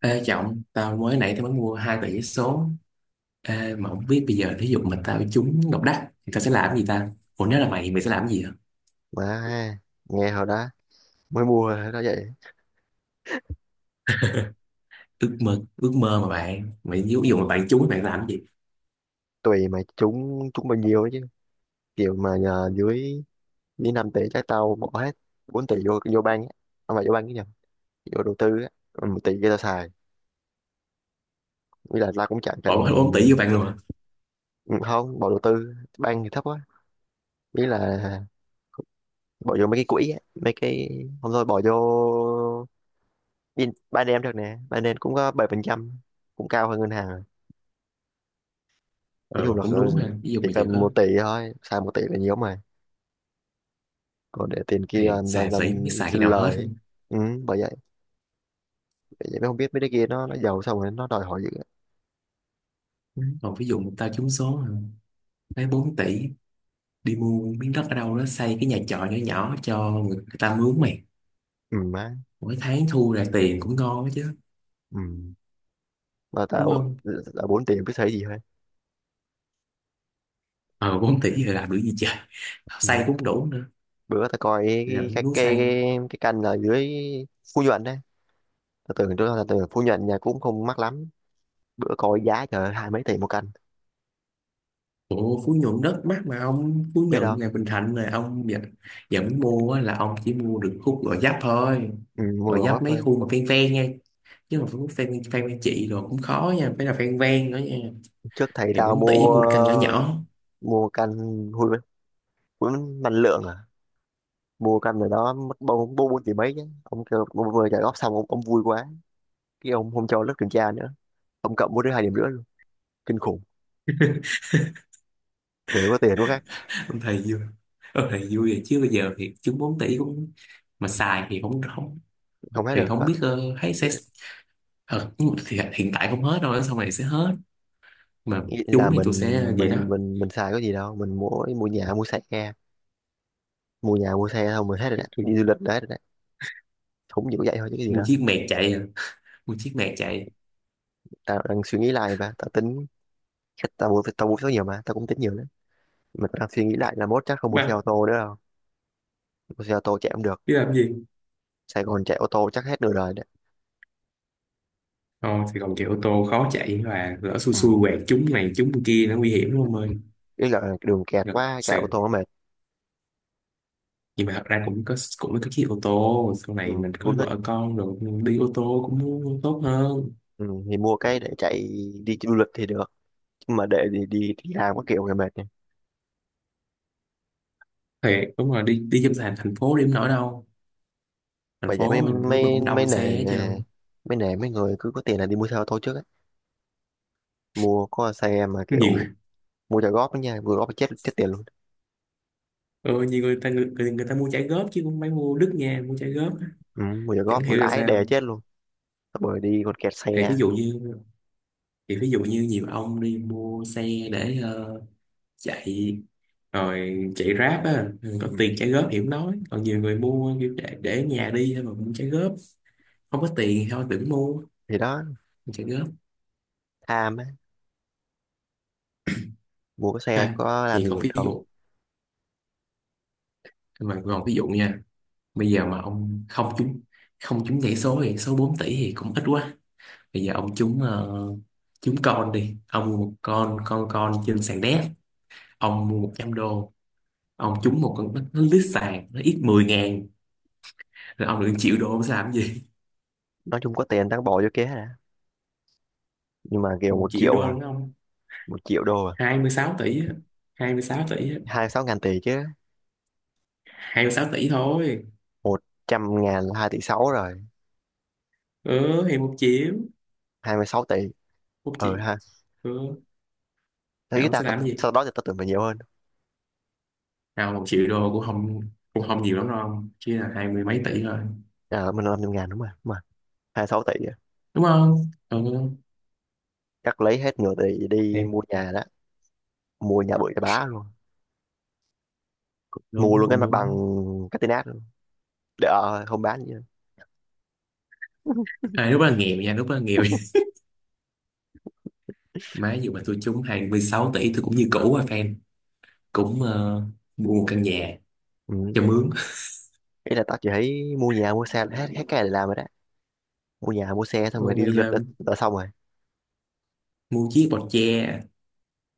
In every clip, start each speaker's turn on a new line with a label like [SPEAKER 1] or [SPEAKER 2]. [SPEAKER 1] Ê Trọng, tao mới nãy tao mới mua hai tờ giấy số. Ê, mà không biết bây giờ thí dụ mà tao trúng Ngọc Đắc thì tao sẽ làm gì ta? Ủa, nếu là mày sẽ làm gì hả?
[SPEAKER 2] Má, ha, nghe hồi đó mới mua hồi đó vậy.
[SPEAKER 1] Ước mơ mà bạn. Mày ví dụ mà bạn trúng bạn làm gì?
[SPEAKER 2] Tùy mà trúng trúng bao nhiêu ấy chứ. Kiểu mà nhờ dưới dưới 5 tỷ trái tao bỏ hết 4 tỷ vô vô bank á. Không phải vô bank cái nhầm, vô đầu tư á. Ừ, Một tỷ kia tao xài. Nghĩa là tao cũng chẳng
[SPEAKER 1] Bỏ
[SPEAKER 2] cần,
[SPEAKER 1] hết 4 tỷ vô bạn luôn hả?
[SPEAKER 2] không bỏ đầu tư bank thì thấp quá. Nghĩa là bỏ vô mấy cái quỹ á, mấy cái không thôi bỏ vô Binance được nè. Ba Binance cũng có 7%, cũng cao hơn ngân hàng rồi. Nói chung
[SPEAKER 1] Ờ,
[SPEAKER 2] là
[SPEAKER 1] cũng đúng ha, ví dụ
[SPEAKER 2] chỉ
[SPEAKER 1] mà giờ
[SPEAKER 2] cần
[SPEAKER 1] có
[SPEAKER 2] 1 tỷ thôi, xài 1 tỷ là nhiều mà. Còn để tiền kia
[SPEAKER 1] thiệt, xài
[SPEAKER 2] làm
[SPEAKER 1] tỷ không biết xài khi
[SPEAKER 2] xin
[SPEAKER 1] nào hết
[SPEAKER 2] lời ấy.
[SPEAKER 1] luôn.
[SPEAKER 2] Ừ, bởi vậy bởi vậy mới không biết mấy đứa kia nó giàu xong rồi nó đòi hỏi dữ.
[SPEAKER 1] Còn ví dụ mà tao trúng số hả? Lấy 4 tỷ đi mua miếng đất ở đâu đó xây cái nhà trọ nhỏ nhỏ cho người ta mướn mày.
[SPEAKER 2] Ừ má.
[SPEAKER 1] Mỗi tháng thu ra tiền cũng ngon đó chứ,
[SPEAKER 2] Ừ, mà
[SPEAKER 1] đúng
[SPEAKER 2] tao
[SPEAKER 1] không?
[SPEAKER 2] là bốn tiền biết thấy gì hết.
[SPEAKER 1] Ờ, 4 tỷ giờ làm được gì trời?
[SPEAKER 2] Ừ.
[SPEAKER 1] Xây cũng đủ
[SPEAKER 2] Bữa tao coi
[SPEAKER 1] rạch
[SPEAKER 2] cái cái
[SPEAKER 1] núi
[SPEAKER 2] cái
[SPEAKER 1] Sam.
[SPEAKER 2] cái canh ở dưới Phú Nhuận đấy, tao tưởng tôi là tưởng Phú Nhuận nhà cũng không mắc lắm, bữa coi giá trời ơi, hai mấy tỷ một căn,
[SPEAKER 1] Ủa, Phú Nhuận đất mắc mà, ông Phú
[SPEAKER 2] biết
[SPEAKER 1] Nhuận
[SPEAKER 2] đâu.
[SPEAKER 1] này Bình Thạnh này ông dẫn mua á, là ông chỉ mua được khúc Gò Vấp thôi.
[SPEAKER 2] Ừ, mua
[SPEAKER 1] Gò
[SPEAKER 2] đồ bắp
[SPEAKER 1] Vấp mấy
[SPEAKER 2] thôi.
[SPEAKER 1] khu mà ven ven nha, chứ mà khúc ven ven ven chị rồi cũng khó nha, phải là ven ven nữa nha.
[SPEAKER 2] Trước thầy
[SPEAKER 1] Thì
[SPEAKER 2] tao
[SPEAKER 1] 4 tỷ
[SPEAKER 2] mua
[SPEAKER 1] mua được căn nhỏ nhỏ.
[SPEAKER 2] mua căn, hun hun năng lượng à, mua căn rồi đó mất bốn bốn bốn tỷ mấy chứ, ông kêu mua vừa trả góp xong, ông vui quá, cái ông không cho lớp kiểm tra nữa, ông cộng mỗi đứa 2,5 điểm luôn, kinh khủng. Rồi có tiền quá khác,
[SPEAKER 1] Ông thầy vui ông thầy vui rồi, chứ bây giờ thì chúng 4 tỷ cũng, mà xài thì không không,
[SPEAKER 2] không hết
[SPEAKER 1] thì
[SPEAKER 2] được
[SPEAKER 1] không
[SPEAKER 2] hết.
[SPEAKER 1] biết. Ờ, Thấy sẽ. Nhưng mà thì hiện tại không hết đâu, sau này sẽ hết, mà
[SPEAKER 2] Nghĩ
[SPEAKER 1] chúng
[SPEAKER 2] là
[SPEAKER 1] thì
[SPEAKER 2] mình
[SPEAKER 1] tôi sẽ vậy đó.
[SPEAKER 2] mình mình mình xài cái gì đâu, mình mua mua nhà mua xe, mua nhà mua xe thôi mình hết rồi đấy,
[SPEAKER 1] Tôi
[SPEAKER 2] đi du lịch đấy rồi đấy, không chỉ có vậy thôi chứ cái gì
[SPEAKER 1] mua
[SPEAKER 2] đó.
[SPEAKER 1] chiếc mẹt chạy à. Mua chiếc mẹt chạy
[SPEAKER 2] Tao đang suy nghĩ lại và tao tính, chắc tao mua, số nhiều mà tao cũng tính nhiều đấy, mà tao đang suy nghĩ lại là mốt chắc không mua xe
[SPEAKER 1] mà
[SPEAKER 2] ô tô nữa đâu. Mua xe ô tô chạy không được,
[SPEAKER 1] biết làm gì.
[SPEAKER 2] Sài Gòn chạy ô tô chắc hết nửa đời đấy.
[SPEAKER 1] Ồ, thì còn kiểu ô tô khó chạy, và lỡ xui
[SPEAKER 2] Ừ.
[SPEAKER 1] xui quẹt trúng này trúng kia nó nguy hiểm lắm ơi.
[SPEAKER 2] Ý là đường kẹt
[SPEAKER 1] Ngập
[SPEAKER 2] quá chạy
[SPEAKER 1] sệt,
[SPEAKER 2] ô tô nó mệt.
[SPEAKER 1] nhưng mà thật ra cũng có cái chiếc ô tô sau
[SPEAKER 2] Ừ,
[SPEAKER 1] này mình có
[SPEAKER 2] cũng thích.
[SPEAKER 1] vợ con rồi đi ô tô cũng tốt hơn.
[SPEAKER 2] Ừ, thì mua cái để chạy đi du lịch thì được, mà để đi đi đi làm có kiểu người mệt nhỉ.
[SPEAKER 1] Thiệt, đúng rồi, đi đi trong thành thành phố điểm nổi đâu. Thành
[SPEAKER 2] Bởi vậy
[SPEAKER 1] phố
[SPEAKER 2] mấy
[SPEAKER 1] mình lúc nào
[SPEAKER 2] mấy
[SPEAKER 1] cũng
[SPEAKER 2] mấy
[SPEAKER 1] đông xe
[SPEAKER 2] nể
[SPEAKER 1] hết trơn.
[SPEAKER 2] mấy nể mấy người cứ có tiền là đi mua xe ô tô trước á, mua có xe mà kiểu
[SPEAKER 1] Nhiều.
[SPEAKER 2] mua trả góp đó nha, vừa góp chết chết tiền luôn.
[SPEAKER 1] Ừ, nhiều người ta mua trả góp chứ không phải mua đứt nha, mua trả góp á.
[SPEAKER 2] Ừ, mua trả
[SPEAKER 1] Chẳng
[SPEAKER 2] góp
[SPEAKER 1] hiểu là
[SPEAKER 2] lãi đè
[SPEAKER 1] sao.
[SPEAKER 2] chết luôn, bởi đi còn kẹt
[SPEAKER 1] thì ví
[SPEAKER 2] xe.
[SPEAKER 1] dụ như thì ví dụ như nhiều ông đi mua xe để, chạy rồi chạy Grab á, có
[SPEAKER 2] Ừ.
[SPEAKER 1] tiền trả góp thì không nói, còn nhiều người mua kiểu để ở nhà đi thôi mà cũng trả góp. Không có tiền thì thôi đừng mua
[SPEAKER 2] Thì đó,
[SPEAKER 1] trả góp.
[SPEAKER 2] tham á, mua cái xe
[SPEAKER 1] À,
[SPEAKER 2] có làm
[SPEAKER 1] thì
[SPEAKER 2] gì
[SPEAKER 1] còn
[SPEAKER 2] được
[SPEAKER 1] ví
[SPEAKER 2] đâu.
[SPEAKER 1] dụ mà còn ví dụ nha, bây giờ mà ông không trúng nhảy số thì số 4 tỷ thì cũng ít quá. Bây giờ ông trúng, trúng con đi, ông mua một con trên sàn đéc, ông mua 100 đô, ông trúng một con, nó lít sàn nó ít 10.000, rồi ông được 1 triệu đô, ông sẽ làm gì?
[SPEAKER 2] Nói chung có tiền tao bỏ vô kia đã, nhưng mà kiểu
[SPEAKER 1] một
[SPEAKER 2] một
[SPEAKER 1] triệu
[SPEAKER 2] triệu
[SPEAKER 1] đô
[SPEAKER 2] à,
[SPEAKER 1] đúng không?
[SPEAKER 2] một triệu đô à,
[SPEAKER 1] Hai mươi sáu tỷ á 26 tỷ á
[SPEAKER 2] hai sáu ngàn tỷ chứ.
[SPEAKER 1] 26 tỷ thôi.
[SPEAKER 2] Một trăm ngàn là hai tỷ sáu rồi,
[SPEAKER 1] Ừ thì một triệu
[SPEAKER 2] 26 tỷ.
[SPEAKER 1] một
[SPEAKER 2] Ờ
[SPEAKER 1] triệu
[SPEAKER 2] ha.
[SPEAKER 1] Ừ
[SPEAKER 2] Thế
[SPEAKER 1] thì
[SPEAKER 2] ý
[SPEAKER 1] ông
[SPEAKER 2] ta,
[SPEAKER 1] sẽ
[SPEAKER 2] ta,
[SPEAKER 1] làm cái gì
[SPEAKER 2] sau đó thì tao tưởng phải nhiều hơn.
[SPEAKER 1] nào? Một triệu đô cũng không nhiều lắm đâu ông. Chỉ là hai mươi mấy tỷ thôi,
[SPEAKER 2] À, mình làm trăm ngàn đúng không mà, hai sáu tỷ á.
[SPEAKER 1] đúng không? Ừ
[SPEAKER 2] Cắt lấy hết nửa tỷ đi
[SPEAKER 1] thì
[SPEAKER 2] mua nhà đó, mua nhà bự cho bá luôn,
[SPEAKER 1] cũng
[SPEAKER 2] mua
[SPEAKER 1] đúng,
[SPEAKER 2] luôn cái
[SPEAKER 1] cũng
[SPEAKER 2] mặt bằng,
[SPEAKER 1] đúng.
[SPEAKER 2] cái tên át luôn, để, ờ, không bán gì nữa.
[SPEAKER 1] À, lúc đó là nghèo nha, lúc đó là nghèo. Má, dù mà tôi trúng 26 tỷ tôi cũng như cũ à fan, cũng mua một căn nhà
[SPEAKER 2] Ừ.
[SPEAKER 1] cho mướn.
[SPEAKER 2] Ý là tao chỉ thấy mua nhà mua xe là hết, hết cái này để làm rồi đó, mua nhà mua xe xong rồi đi du
[SPEAKER 1] Rồi
[SPEAKER 2] lịch đã xong rồi.
[SPEAKER 1] mua chiếc bọt tre,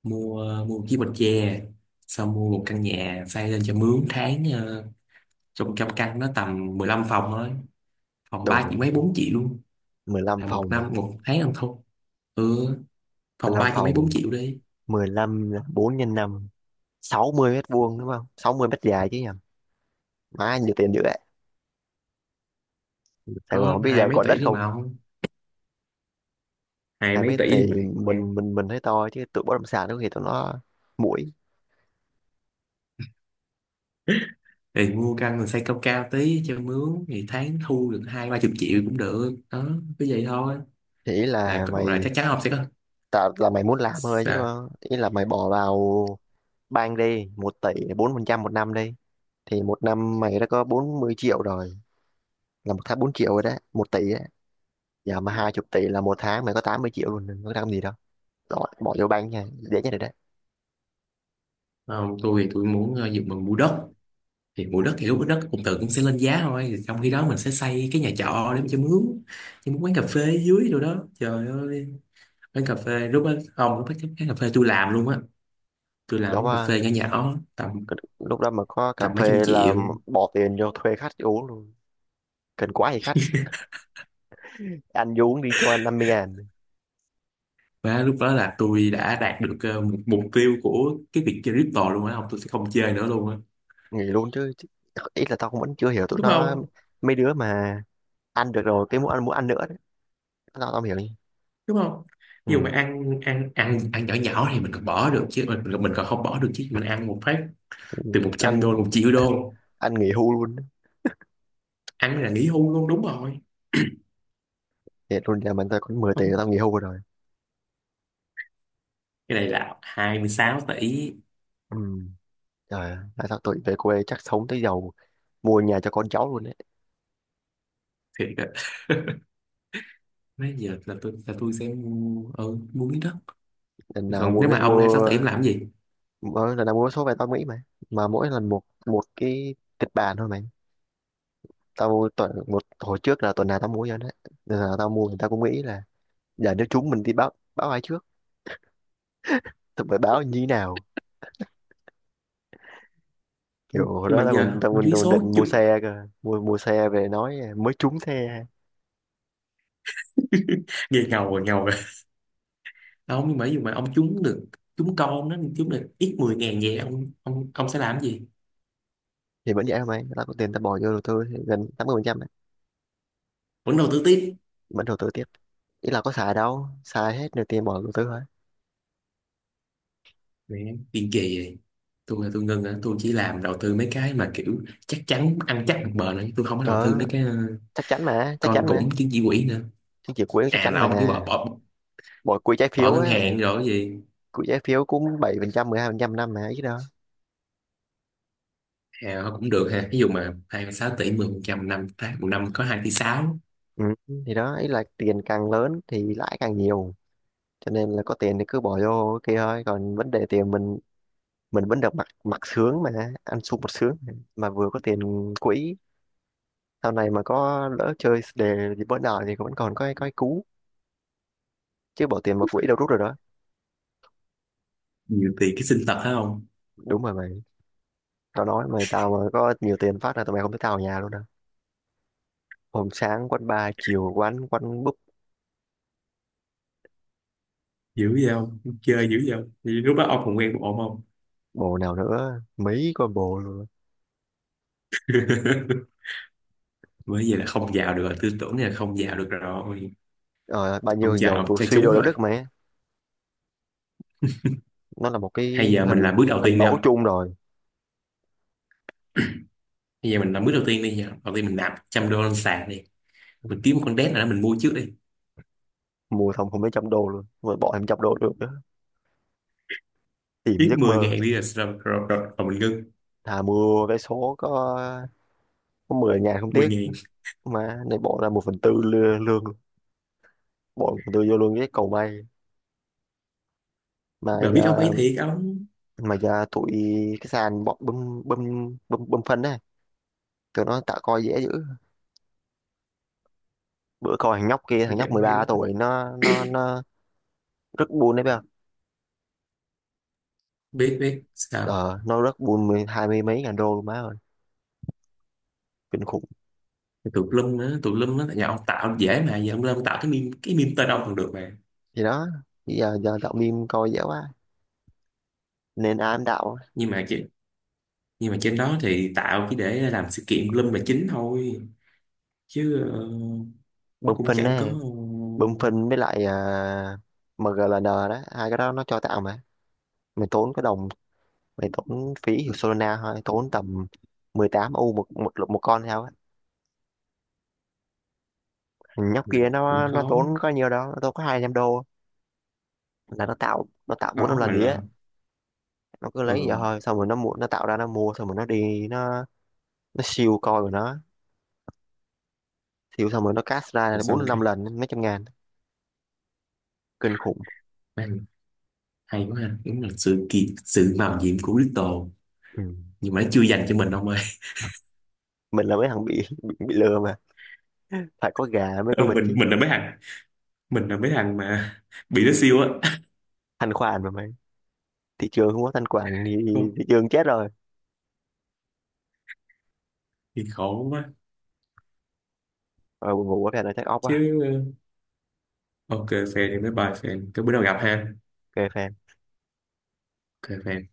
[SPEAKER 1] mua mua chiếc bọt tre, xong mua một căn nhà xây lên cho mướn tháng, trong trăm căn nó tầm 15 phòng thôi, phòng ba chỉ
[SPEAKER 2] Đủ
[SPEAKER 1] mấy 4 triệu luôn,
[SPEAKER 2] 15
[SPEAKER 1] là một
[SPEAKER 2] phòng mà,
[SPEAKER 1] năm một tháng ăn thôi. Ừ,
[SPEAKER 2] mười
[SPEAKER 1] phòng
[SPEAKER 2] lăm
[SPEAKER 1] ba chỉ mấy 4
[SPEAKER 2] phòng
[SPEAKER 1] triệu đi.
[SPEAKER 2] 15 4 nhân năm, 60 mét vuông đúng không, 60 mét dài chứ nhầm. Má nhiều tiền dữ vậy. Sài Gòn
[SPEAKER 1] Có
[SPEAKER 2] không biết
[SPEAKER 1] hai
[SPEAKER 2] giờ
[SPEAKER 1] mấy
[SPEAKER 2] còn đất
[SPEAKER 1] tỷ đi mà
[SPEAKER 2] không.
[SPEAKER 1] ông, hai
[SPEAKER 2] Hai
[SPEAKER 1] mấy
[SPEAKER 2] mét
[SPEAKER 1] tỷ đi mà,
[SPEAKER 2] thì mình thấy to chứ tụi bất động sản có thì tụi nó muội.
[SPEAKER 1] thì mua căn rồi xây cao cao tí cho mướn thì tháng thu được hai ba chục triệu cũng được đó, cứ vậy thôi,
[SPEAKER 2] Thì ý
[SPEAKER 1] là
[SPEAKER 2] là
[SPEAKER 1] là
[SPEAKER 2] mày
[SPEAKER 1] chắc chắn ông sẽ có.
[SPEAKER 2] tạo, là mày muốn làm thôi chứ đúng
[SPEAKER 1] Sao?
[SPEAKER 2] không, ý là mày bỏ vào bank đi 1 tỷ 4% một năm đi, thì một năm mày đã có 40 triệu rồi, là một tháng 4 triệu rồi đấy, một tỷ đấy. Giờ mà 20 tỷ là một tháng mày có 80 triệu luôn, đừng có làm gì đâu, bỏ vô bank nha, dễ nhất rồi đấy.
[SPEAKER 1] Không, tôi thì tôi muốn, dùng bằng mua đất. Thì mua đất thì lúc đó đất cũng sẽ lên giá thôi. Thì trong khi đó mình sẽ xây cái nhà trọ để mà cho mướn, cho mướn quán cà phê dưới, rồi đó trời ơi. Quán cà phê lúc đó, không, lúc đó cái cà phê tôi làm luôn á. Tôi làm
[SPEAKER 2] Đó
[SPEAKER 1] quán cà
[SPEAKER 2] mà,
[SPEAKER 1] phê nhỏ nhỏ tầm
[SPEAKER 2] c- lúc đó mà có cà
[SPEAKER 1] tầm mấy trăm
[SPEAKER 2] phê là
[SPEAKER 1] triệu.
[SPEAKER 2] bỏ tiền vô thuê khách uống luôn, cần quá thì khách ăn vô uống đi cho anh mươi ngàn.
[SPEAKER 1] Và lúc đó là tôi đã đạt được, một mục tiêu của cái việc chơi crypto luôn á, không tôi sẽ không chơi nữa luôn á.
[SPEAKER 2] Nghỉ luôn chứ. Ý là tao cũng vẫn chưa hiểu tụi
[SPEAKER 1] đúng
[SPEAKER 2] nó,
[SPEAKER 1] không
[SPEAKER 2] mấy đứa mà ăn được rồi cái muốn ăn nữa, tao tao hiểu nhỉ.
[SPEAKER 1] đúng không Ví dụ mà
[SPEAKER 2] Ừ,
[SPEAKER 1] ăn ăn ăn ăn nhỏ nhỏ thì mình còn bỏ được chứ, mình còn không bỏ được chứ, mình ăn một phát
[SPEAKER 2] thì
[SPEAKER 1] từ 100 đô
[SPEAKER 2] anh,
[SPEAKER 1] 1 triệu đô.
[SPEAKER 2] nghỉ hưu luôn đấy.
[SPEAKER 1] Ăn là nghỉ hưu luôn, đúng rồi.
[SPEAKER 2] Thiệt luôn nhà mình, tao có 10 tỷ
[SPEAKER 1] Không,
[SPEAKER 2] là tao nghỉ hưu rồi.
[SPEAKER 1] cái này là 26 tỷ
[SPEAKER 2] Ừ. Trời ơi, tại sao tụi về quê chắc sống tới giàu, mua nhà cho con cháu luôn đấy.
[SPEAKER 1] thiệt á. Nãy giờ là tôi sẽ mua, mua miếng đất.
[SPEAKER 2] Lần nào
[SPEAKER 1] Còn
[SPEAKER 2] mua,
[SPEAKER 1] nếu mà ông hai sáu tuổi em làm cái gì?
[SPEAKER 2] mỗi lần nào mua số về tao nghĩ mà mỗi lần một một cái kịch bản thôi mày. Tao tuần một hồi trước là tuần nào tao mua cho đấy, nên là tao mua thì tao cũng nghĩ là giờ nếu chúng mình đi báo báo ai trước, tụi phải báo như thế nào, kiểu hồi
[SPEAKER 1] Nhưng
[SPEAKER 2] đó
[SPEAKER 1] mà giờ ông trúng
[SPEAKER 2] tao còn
[SPEAKER 1] số
[SPEAKER 2] định
[SPEAKER 1] chứ.
[SPEAKER 2] mua xe cơ, mua mua xe về nói mới trúng xe.
[SPEAKER 1] Nghe ngầu rồi, ngầu rồi. À, ông, nhưng mà ví dụ mà ông trúng được, trúng con nó trúng được ít 10.000 vậy, ông sẽ làm cái gì?
[SPEAKER 2] Thì vẫn vậy thôi mày, là có tiền ta bỏ vô đầu tư thì gần 80% ấy,
[SPEAKER 1] Vẫn đầu tư tiếp.
[SPEAKER 2] vẫn đầu tư tiếp. Ý là có xài đâu, xài hết được tiền bỏ đầu tư thôi.
[SPEAKER 1] Mẹ, tiền kỳ vậy. Tôi là tôi ngưng á, tôi chỉ làm đầu tư mấy cái mà kiểu chắc chắn ăn chắc bằng bền ấy. Tôi không có đầu tư
[SPEAKER 2] Đó,
[SPEAKER 1] mấy cái,
[SPEAKER 2] chắc chắn mà, chắc
[SPEAKER 1] con
[SPEAKER 2] chắn mà,
[SPEAKER 1] cũng chứng chỉ quỹ nữa.
[SPEAKER 2] chứng chỉ quỹ chắc
[SPEAKER 1] À,
[SPEAKER 2] chắn
[SPEAKER 1] là
[SPEAKER 2] mà,
[SPEAKER 1] ông kiểu bỏ bỏ
[SPEAKER 2] bỏ quỹ trái
[SPEAKER 1] bỏ
[SPEAKER 2] phiếu
[SPEAKER 1] ngân
[SPEAKER 2] ấy,
[SPEAKER 1] hàng rồi cái gì.
[SPEAKER 2] quỹ trái phiếu cũng 7% 12% năm mà ít đó.
[SPEAKER 1] À, cũng được ha, ví dụ mà 26 tỷ 10% năm, tháng một năm có 2,6 tỷ.
[SPEAKER 2] Ừ. Thì đó, ý là tiền càng lớn thì lãi càng nhiều, cho nên là có tiền thì cứ bỏ vô cái kia thôi, còn vấn đề tiền mình vẫn được mặc mặc sướng mà, ăn sung mặc sướng, mà vừa có tiền quỹ. Sau này mà có lỡ chơi đề gì bữa nào thì vẫn còn có cái, có cái cú chứ bỏ tiền vào quỹ đâu rút rồi đó.
[SPEAKER 1] Nhiều tiền cái sinh tật phải không?
[SPEAKER 2] Đúng rồi mày, tao nói mày, tao mà có nhiều tiền phát là tụi mày không thấy tao ở nhà luôn đâu, hôm sáng quán bar chiều quán quán búp,
[SPEAKER 1] Dữ vậy, không chơi dữ vậy không? Vậy lúc đó ông còn quen một ổn không?
[SPEAKER 2] bồ nào nữa, mấy combo luôn.
[SPEAKER 1] Bởi vậy là không vào được rồi, tư tưởng là không vào được rồi,
[SPEAKER 2] Ờ, bao nhiêu
[SPEAKER 1] không
[SPEAKER 2] thằng giàu
[SPEAKER 1] vào,
[SPEAKER 2] vừa
[SPEAKER 1] cho
[SPEAKER 2] suy
[SPEAKER 1] chúng
[SPEAKER 2] đô đạo
[SPEAKER 1] rồi.
[SPEAKER 2] đức mày, nó là một cái
[SPEAKER 1] Hay giờ mình
[SPEAKER 2] hình
[SPEAKER 1] làm bước đầu
[SPEAKER 2] hình
[SPEAKER 1] tiên đi
[SPEAKER 2] mẫu
[SPEAKER 1] không?
[SPEAKER 2] chung rồi.
[SPEAKER 1] Bây giờ mình làm bước đầu tiên đi, giờ đầu tiên mình nạp 100 đô lên sàn đi, mình kiếm một con đét nào đó mình mua trước đi,
[SPEAKER 2] Mua xong không mấy trăm đô luôn mà bỏ thêm trăm đô được nữa, tìm
[SPEAKER 1] ít
[SPEAKER 2] giấc
[SPEAKER 1] 10
[SPEAKER 2] mơ.
[SPEAKER 1] ngàn đi, rồi, rồi, rồi, rồi, rồi mình ngưng.
[SPEAKER 2] Thà mua vé số có mười ngàn không
[SPEAKER 1] Mười
[SPEAKER 2] tiếc,
[SPEAKER 1] ngàn.
[SPEAKER 2] mà này bỏ ra một phần tư lương, lương bỏ một phần tư vô lương cái cầu may. mà
[SPEAKER 1] Bà biết ông ấy
[SPEAKER 2] giờ
[SPEAKER 1] thiệt ông.
[SPEAKER 2] mà giờ tụi, cái sàn bọn bơm bơm bơm bơm phân đấy, tụi nó tạo coi dễ dữ. Bữa coi thằng nhóc kia, thằng nhóc
[SPEAKER 1] Chẳng
[SPEAKER 2] mười
[SPEAKER 1] hiểu.
[SPEAKER 2] ba tuổi nó rất buôn đấy bây giờ.
[SPEAKER 1] Biết biết sao.
[SPEAKER 2] Ờ, nó rất buôn mười hai mươi mấy ngàn đô luôn, má ơi, kinh khủng.
[SPEAKER 1] Tụi lum á, tụi lum á, tại nhà ông tạo dễ mà, giờ ông lên ông tạo cái meme tên ông còn được mà.
[SPEAKER 2] Thì đó, bây giờ giờ đạo meme coi dễ quá, nên ai cũng đạo
[SPEAKER 1] Nhưng mà chỉ, nhưng mà trên đó thì tạo chỉ để làm sự kiện lum là chính thôi, chứ nó
[SPEAKER 2] bơm
[SPEAKER 1] cũng
[SPEAKER 2] phân
[SPEAKER 1] chẳng có.
[SPEAKER 2] đấy, bơm phân với lại, à, MGLN đó, hai cái đó nó cho tạo mà, mày tốn cái đồng, mày tốn phí hiệu Solana thôi, tốn tầm 18 u một một một con theo á, nhóc kia
[SPEAKER 1] Mình cũng
[SPEAKER 2] nó
[SPEAKER 1] khó,
[SPEAKER 2] tốn có nhiều đâu, nó tốn có 200 đô, là nó tạo, bốn năm
[SPEAKER 1] khó
[SPEAKER 2] lần
[SPEAKER 1] mà
[SPEAKER 2] gì á,
[SPEAKER 1] lên.
[SPEAKER 2] nó cứ
[SPEAKER 1] Ờ,
[SPEAKER 2] lấy vậy thôi, xong rồi nó mua, nó tạo ra nó mua xong rồi nó đi, nó siêu coi của nó, siêu xong rồi nó cast ra
[SPEAKER 1] rồi
[SPEAKER 2] là
[SPEAKER 1] xong
[SPEAKER 2] bốn năm
[SPEAKER 1] cái.
[SPEAKER 2] lần mấy trăm ngàn, kinh khủng.
[SPEAKER 1] Man, hay quá ha, đúng là sự mạo nhiệm của Little,
[SPEAKER 2] Ừ.
[SPEAKER 1] nhưng mà nó chưa dành cho mình ông ơi.
[SPEAKER 2] Mình là mấy thằng bị lừa mà, phải có gà mới có
[SPEAKER 1] Ừ,
[SPEAKER 2] vịt
[SPEAKER 1] mình
[SPEAKER 2] chứ.
[SPEAKER 1] mình là mấy thằng, mình là mấy thằng mà bị nó siêu á.
[SPEAKER 2] Thanh khoản mà mày, thị trường không có thanh khoản thì,
[SPEAKER 1] Không,
[SPEAKER 2] thị trường chết rồi.
[SPEAKER 1] thì khổ quá,
[SPEAKER 2] Rồi buồn ngủ quá, phải là take off quá.
[SPEAKER 1] chứ ờ, ok fan. Thì mấy bài fan cái bữa nào gặp ha.
[SPEAKER 2] OK phê.
[SPEAKER 1] Ok fan.